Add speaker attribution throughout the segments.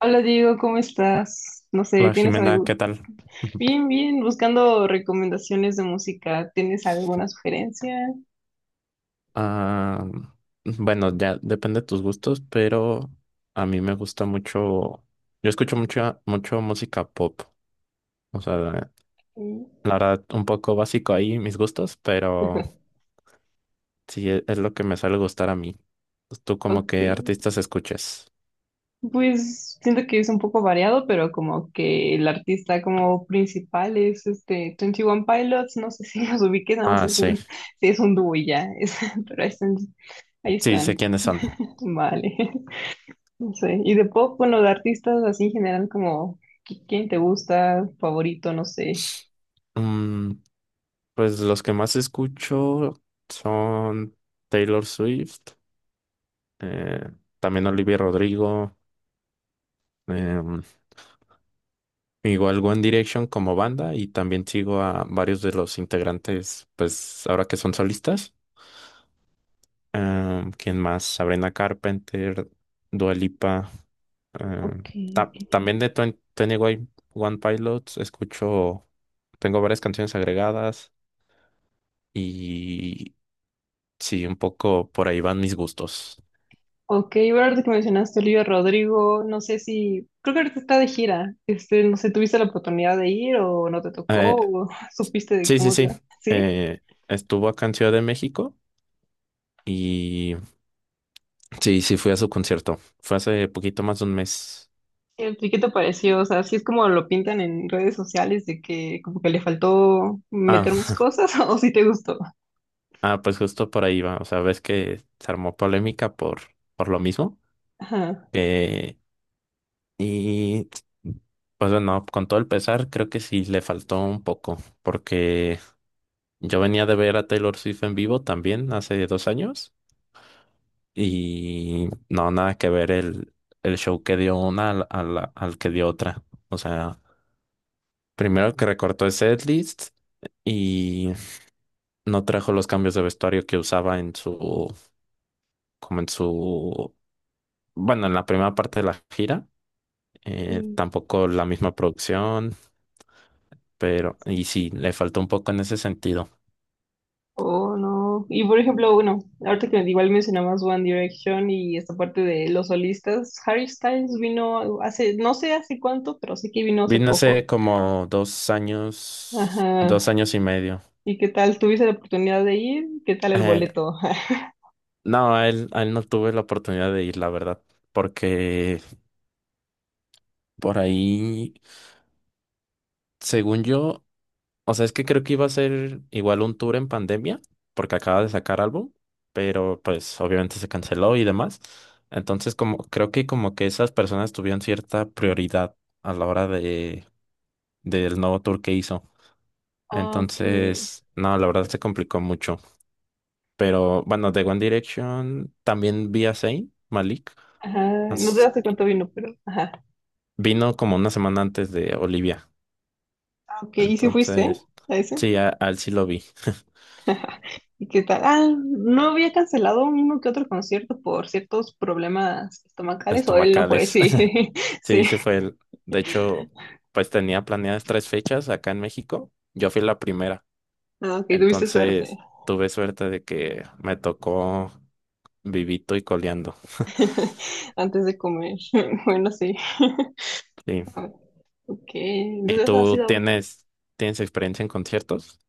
Speaker 1: Hola Diego, ¿cómo estás? No sé,
Speaker 2: Hola
Speaker 1: ¿tienes
Speaker 2: Jimena,
Speaker 1: algo?
Speaker 2: ¿qué tal?
Speaker 1: Bien, bien, buscando recomendaciones de música. ¿Tienes alguna sugerencia?
Speaker 2: Ah, bueno, ya depende de tus gustos, pero a mí me gusta mucho, yo escucho mucho música pop, o sea,
Speaker 1: Mm.
Speaker 2: la verdad, un poco básico ahí mis gustos, pero sí es lo que me suele gustar a mí. ¿Tú como
Speaker 1: Ok.
Speaker 2: qué artistas escuchas?
Speaker 1: Pues siento que es un poco variado, pero como que el artista como principal es este Twenty One Pilots, no sé si los ubiques, no, sé,
Speaker 2: Ah,
Speaker 1: es
Speaker 2: sí,
Speaker 1: un, sí, es un dúo y ya, es- pero ahí están, ahí
Speaker 2: sí, sé
Speaker 1: están.
Speaker 2: quiénes son.
Speaker 1: Vale. No sé. Y de pop, bueno, de artistas así en general como ¿qui- ¿quién te gusta? Favorito, no sé.
Speaker 2: Mm, pues los que más escucho son Taylor Swift, eh, también Olivia Rodrigo. Em, igual One Direction como banda y también sigo a varios de los integrantes, pues ahora que son solistas. ¿Quién más? Sabrina Carpenter, Dua Lipa. em,
Speaker 1: Ok.
Speaker 2: ta-
Speaker 1: Ok.
Speaker 2: también de 21 One Pilots escucho, tengo varias canciones agregadas y sí, un poco por ahí van mis gustos.
Speaker 1: Ok, bueno, ahorita que mencionaste a Olivia Rodrigo, no sé si, creo que ahorita está de gira, este, no sé, ¿tuviste la oportunidad de ir o no te tocó
Speaker 2: Eh,
Speaker 1: o supiste de
Speaker 2: sí, sí,
Speaker 1: cómo te
Speaker 2: sí.
Speaker 1: va? ¿Sí?
Speaker 2: eh, estuvo acá en Ciudad de México. Y sí, sí, fui a su concierto. Fue hace poquito más de un mes.
Speaker 1: ¿Y qué te pareció? O sea, sí es como lo pintan en redes sociales de que como que le faltó meter más
Speaker 2: Ah,
Speaker 1: cosas o si te gustó.
Speaker 2: pues justo por ahí va. O sea, ves que se armó polémica por lo mismo.
Speaker 1: Ajá.
Speaker 2: Eh, y pues bueno, con todo el pesar, creo que sí le faltó un poco. Porque yo venía de ver a Taylor Swift en vivo también hace 2 años. Y no, nada que ver el show que dio una al que dio otra. O sea, primero que recortó el setlist. Y no trajo los cambios de vestuario que usaba en su, como en su, bueno, en la primera parte de la gira,
Speaker 1: Mm.
Speaker 2: tampoco la misma producción, pero, y sí, le faltó un poco en ese sentido.
Speaker 1: Oh, no. Y por ejemplo, bueno, ahorita que igual mencionabas One Direction y esta parte de los solistas, Harry Styles vino hace, no sé hace cuánto, pero sé que vino hace
Speaker 2: Vino
Speaker 1: poco.
Speaker 2: hace como 2 años, dos
Speaker 1: Ajá.
Speaker 2: años y medio.
Speaker 1: ¿Y qué tal? ¿Tuviste la oportunidad de ir? ¿Qué tal el
Speaker 2: Eh,
Speaker 1: boleto?
Speaker 2: no, a él no tuve la oportunidad de ir, la verdad, porque por ahí, según yo, o sea, es que creo que iba a ser igual un tour en pandemia, porque acaba de sacar álbum, pero pues obviamente se canceló y demás. Entonces, como creo que como que esas personas tuvieron cierta prioridad a la hora de del nuevo tour que hizo.
Speaker 1: Ah, ok.
Speaker 2: Entonces, no, la verdad se complicó mucho. Pero bueno, de One Direction también vi a Zayn Malik.
Speaker 1: Ajá, no sé
Speaker 2: as-
Speaker 1: hace cuánto vino, pero ajá.
Speaker 2: Vino como una semana antes de Olivia.
Speaker 1: Ah, ok, ¿y si fuiste
Speaker 2: Entonces,
Speaker 1: a ese?
Speaker 2: sí, a él sí lo vi.
Speaker 1: ¿Y qué tal? Ah, ¿no había cancelado uno que otro concierto por ciertos problemas estomacales o él no fue?
Speaker 2: Estomacales.
Speaker 1: Sí, sí.
Speaker 2: Sí, sí fue él. De hecho, pues tenía planeadas tres fechas acá en México. Yo fui la primera.
Speaker 1: Ah, ok, tuviste suerte
Speaker 2: Entonces, tuve suerte de que me tocó vivito y coleando.
Speaker 1: antes de comer. Bueno, sí.
Speaker 2: Sí.
Speaker 1: Ah, ok,
Speaker 2: ¿Y
Speaker 1: entonces has
Speaker 2: tú
Speaker 1: ido.
Speaker 2: tienes experiencia en conciertos?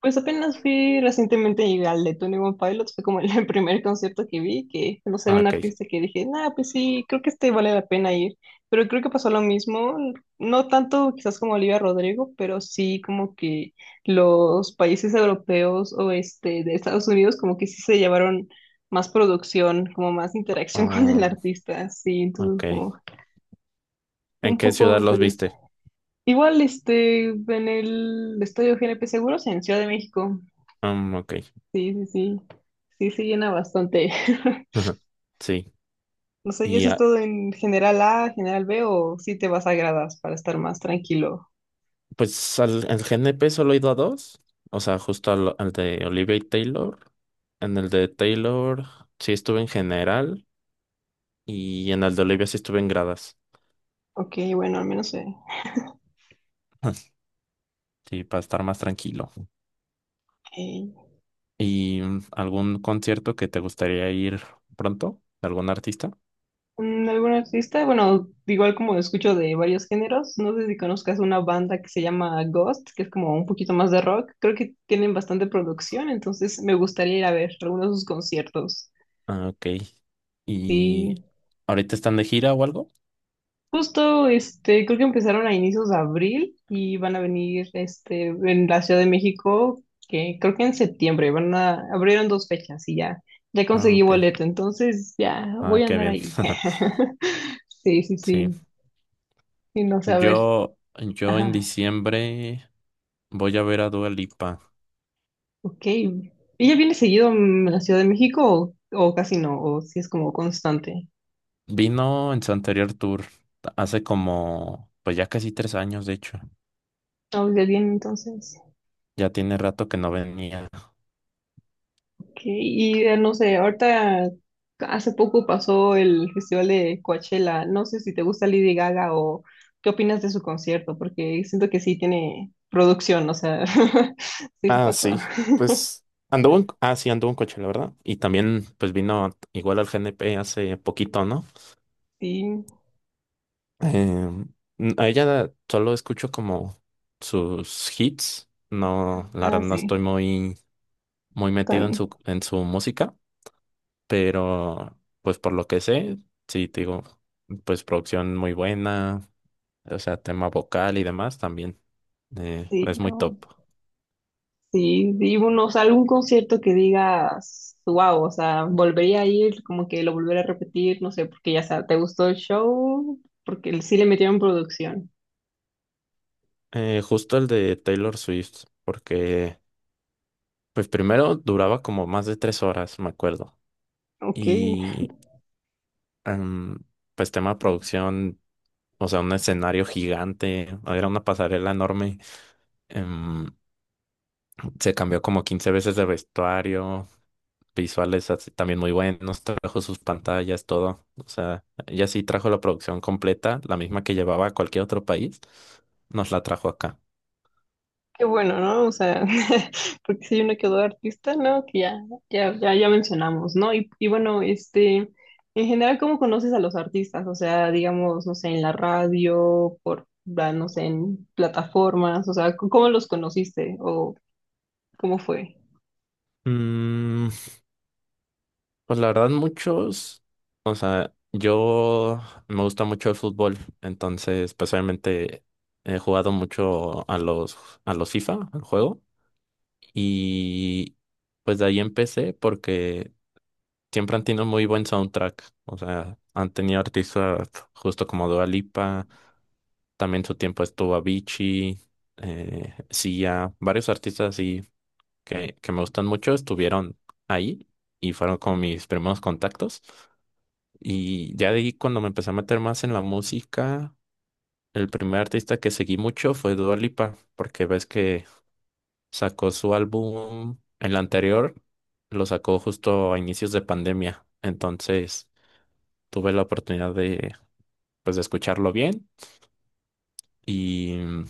Speaker 1: Pues apenas fui recientemente al de Tony One Pilots, fue como el primer concierto que vi, que no sé,
Speaker 2: Ah,
Speaker 1: un
Speaker 2: ok.
Speaker 1: artista que dije, nah, pues sí, creo que este vale la pena ir, pero creo que pasó lo mismo, no tanto quizás como Olivia Rodrigo, pero sí como que los países europeos o este de Estados Unidos como que sí se llevaron más producción, como más interacción con el
Speaker 2: Ah,
Speaker 1: artista, sí, entonces
Speaker 2: ok.
Speaker 1: como
Speaker 2: ¿En
Speaker 1: un
Speaker 2: qué ciudad
Speaker 1: poco
Speaker 2: los
Speaker 1: triste.
Speaker 2: viste?
Speaker 1: Igual este en el Estadio GNP Seguros en Ciudad de México.
Speaker 2: Ok.
Speaker 1: Sí, sí, sí. Sí, se llena bastante.
Speaker 2: Sí.
Speaker 1: No sé, ¿y
Speaker 2: Y
Speaker 1: eso es todo en general A, general B o si te vas a gradas para estar más tranquilo?
Speaker 2: pues al GNP solo he ido a dos. O sea, justo al de Olivia y Taylor. En el de Taylor sí estuve en general. Y en el de Olivia sí estuve en gradas.
Speaker 1: Ok, bueno, al menos sé.
Speaker 2: Sí, para estar más tranquilo.
Speaker 1: Ok.
Speaker 2: ¿Y algún concierto que te gustaría ir pronto? ¿De algún artista?
Speaker 1: Mm, ¿algún artista? Bueno, igual como escucho de varios géneros, no sé si conozcas una banda que se llama Ghost, que es como un poquito más de rock. Creo que tienen bastante producción, entonces me gustaría ir a ver algunos de sus conciertos.
Speaker 2: Ah, ok.
Speaker 1: Sí.
Speaker 2: ¿Y ahorita están de gira o algo?
Speaker 1: Justo, este, creo que empezaron a inicios de abril y van a venir, este, en la Ciudad de México, que creo que en septiembre van a, abrieron dos fechas y ya, ya
Speaker 2: Ah,
Speaker 1: conseguí
Speaker 2: ok.
Speaker 1: boleto, entonces ya
Speaker 2: Ah,
Speaker 1: voy a
Speaker 2: qué
Speaker 1: andar
Speaker 2: bien.
Speaker 1: ahí. Sí, sí,
Speaker 2: Sí.
Speaker 1: sí, y no sé, a ver,
Speaker 2: Yo, yo en
Speaker 1: ajá,
Speaker 2: diciembre voy a ver a Dua Lipa.
Speaker 1: ok. ¿Ella viene seguido mm, a la Ciudad de México o casi no? ¿O si es como constante?
Speaker 2: Vino en su anterior tour, hace como, pues ya casi 3 años, de hecho.
Speaker 1: No, ya viene entonces.
Speaker 2: Ya tiene rato que no venía.
Speaker 1: Ok, y no sé, ahorita hace poco pasó el festival de Coachella. No sé si te gusta Lady Gaga o qué opinas de su concierto, porque siento que sí tiene producción, o sea, sí se
Speaker 2: Ah,
Speaker 1: pasó.
Speaker 2: sí, pues anduvo en, sí, anduvo en coche, la verdad. Y también, pues vino igual al GNP hace poquito, ¿no?
Speaker 1: Sí,
Speaker 2: Em, a ella solo escucho como sus hits. No, la verdad
Speaker 1: ah,
Speaker 2: no
Speaker 1: sí,
Speaker 2: estoy muy, muy metido en
Speaker 1: tan,
Speaker 2: su, en su música, pero pues por lo que sé, sí, te digo, pues producción muy buena, o sea, tema vocal y demás también. eh,
Speaker 1: sí,
Speaker 2: es muy top.
Speaker 1: no, sí, y uno, o sea, algún concierto que digas, wow, o sea, volvería a ir, como que lo volvería a repetir, no sé, porque ya sea, ¿te gustó el show? Porque sí le metieron producción.
Speaker 2: Justo el de Taylor Swift, porque pues primero duraba como más de 3 horas, me acuerdo.
Speaker 1: Ok.
Speaker 2: Y em, pues tema de producción, o sea, un escenario gigante, era una pasarela enorme. Em, se cambió como 15 veces de vestuario, visuales así también muy buenos, trajo sus pantallas, todo. O sea, ella sí trajo la producción completa, la misma que llevaba a cualquier otro país, nos la trajo acá.
Speaker 1: Qué bueno, ¿no? O sea, porque si hay uno que otro artista, ¿no? Que ya, ya mencionamos, ¿no? Y bueno, este, en general, ¿cómo conoces a los artistas? O sea, digamos, no sé, en la radio, por, ah, no sé, en plataformas, o sea, ¿cómo los conociste? ¿O cómo fue?
Speaker 2: Mm, Pues la verdad, muchos, o sea, yo me gusta mucho el fútbol, entonces, pues obviamente he jugado mucho a los, FIFA, al juego, y pues de ahí empecé porque siempre han tenido muy buen soundtrack, o sea, han tenido artistas justo como Dua Lipa, también su tiempo estuvo Avicii, Sia, varios artistas así que me gustan mucho estuvieron ahí y fueron como mis primeros contactos. Y ya de ahí cuando me empecé a meter más en la música, el primer artista que seguí mucho fue Dua Lipa, porque ves que sacó su álbum, el anterior, lo sacó justo a inicios de pandemia. Entonces tuve la oportunidad de, pues, de escucharlo bien y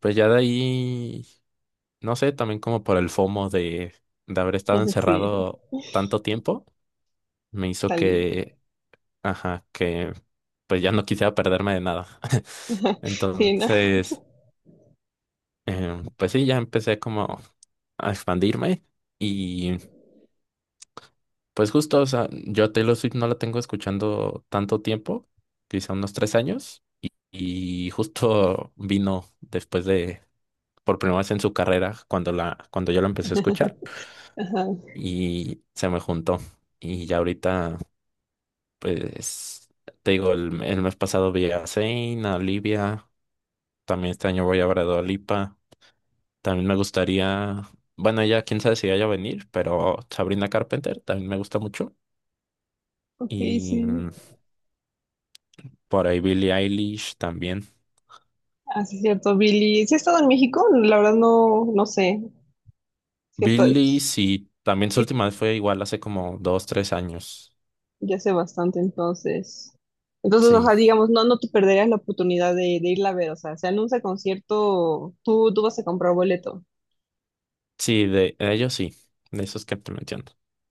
Speaker 2: pues ya de ahí, no sé, también como por el FOMO de haber estado
Speaker 1: Sí,
Speaker 2: encerrado tanto tiempo, me hizo
Speaker 1: salir.
Speaker 2: que ajá, que pues ya no quisiera perderme de nada.
Speaker 1: Sí, ¿no?
Speaker 2: Entonces, pues sí, ya empecé como a expandirme y pues justo, o sea, yo a Taylor Swift no la tengo escuchando tanto tiempo, quizá unos 3 años, y justo vino después de, por primera vez en su carrera, cuando yo la empecé a escuchar
Speaker 1: Ajá.
Speaker 2: y se me juntó. Y ya ahorita, pues, te digo, el mes pasado vi a Zayn, a Olivia. También este año voy a ver a Dua Lipa. También me gustaría, bueno, ya quién sabe si vaya a venir, pero Sabrina Carpenter también me gusta mucho.
Speaker 1: Ok,
Speaker 2: Y
Speaker 1: sí.
Speaker 2: por ahí Billie Eilish también.
Speaker 1: Ah, sí es cierto, Billy. ¿Sí ha estado en México? La verdad no, no sé. Sí ha estado,
Speaker 2: Billie, sí, también su
Speaker 1: sí,
Speaker 2: última vez fue igual hace como 2, 3 años.
Speaker 1: ya sé bastante, entonces. Entonces, o
Speaker 2: Sí,
Speaker 1: sea, digamos, no, no te perderías la oportunidad de irla a ver. O sea, se anuncia concierto, tú vas a comprar boleto.
Speaker 2: sí, de ellos sí, de esos que te menciono.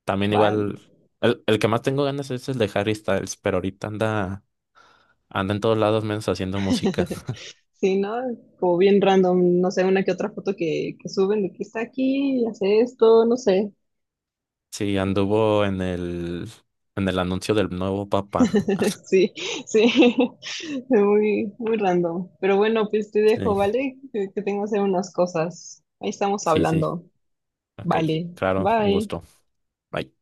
Speaker 2: También
Speaker 1: Vale.
Speaker 2: igual, el que más tengo ganas es el de Harry Styles, pero ahorita anda en todos lados menos haciendo música.
Speaker 1: Sí, ¿no? Como bien random, no sé, una que otra foto que suben de que está aquí, hace esto, no sé.
Speaker 2: Sí, anduvo en el anuncio del nuevo Papa.
Speaker 1: Sí, sí, muy, muy random. Pero bueno, pues te dejo,
Speaker 2: Sí.
Speaker 1: ¿vale? Que tengo que hacer unas cosas. Ahí estamos
Speaker 2: Sí, sí.
Speaker 1: hablando.
Speaker 2: Ok,
Speaker 1: Vale,
Speaker 2: claro, un gusto.
Speaker 1: bye.
Speaker 2: Bye.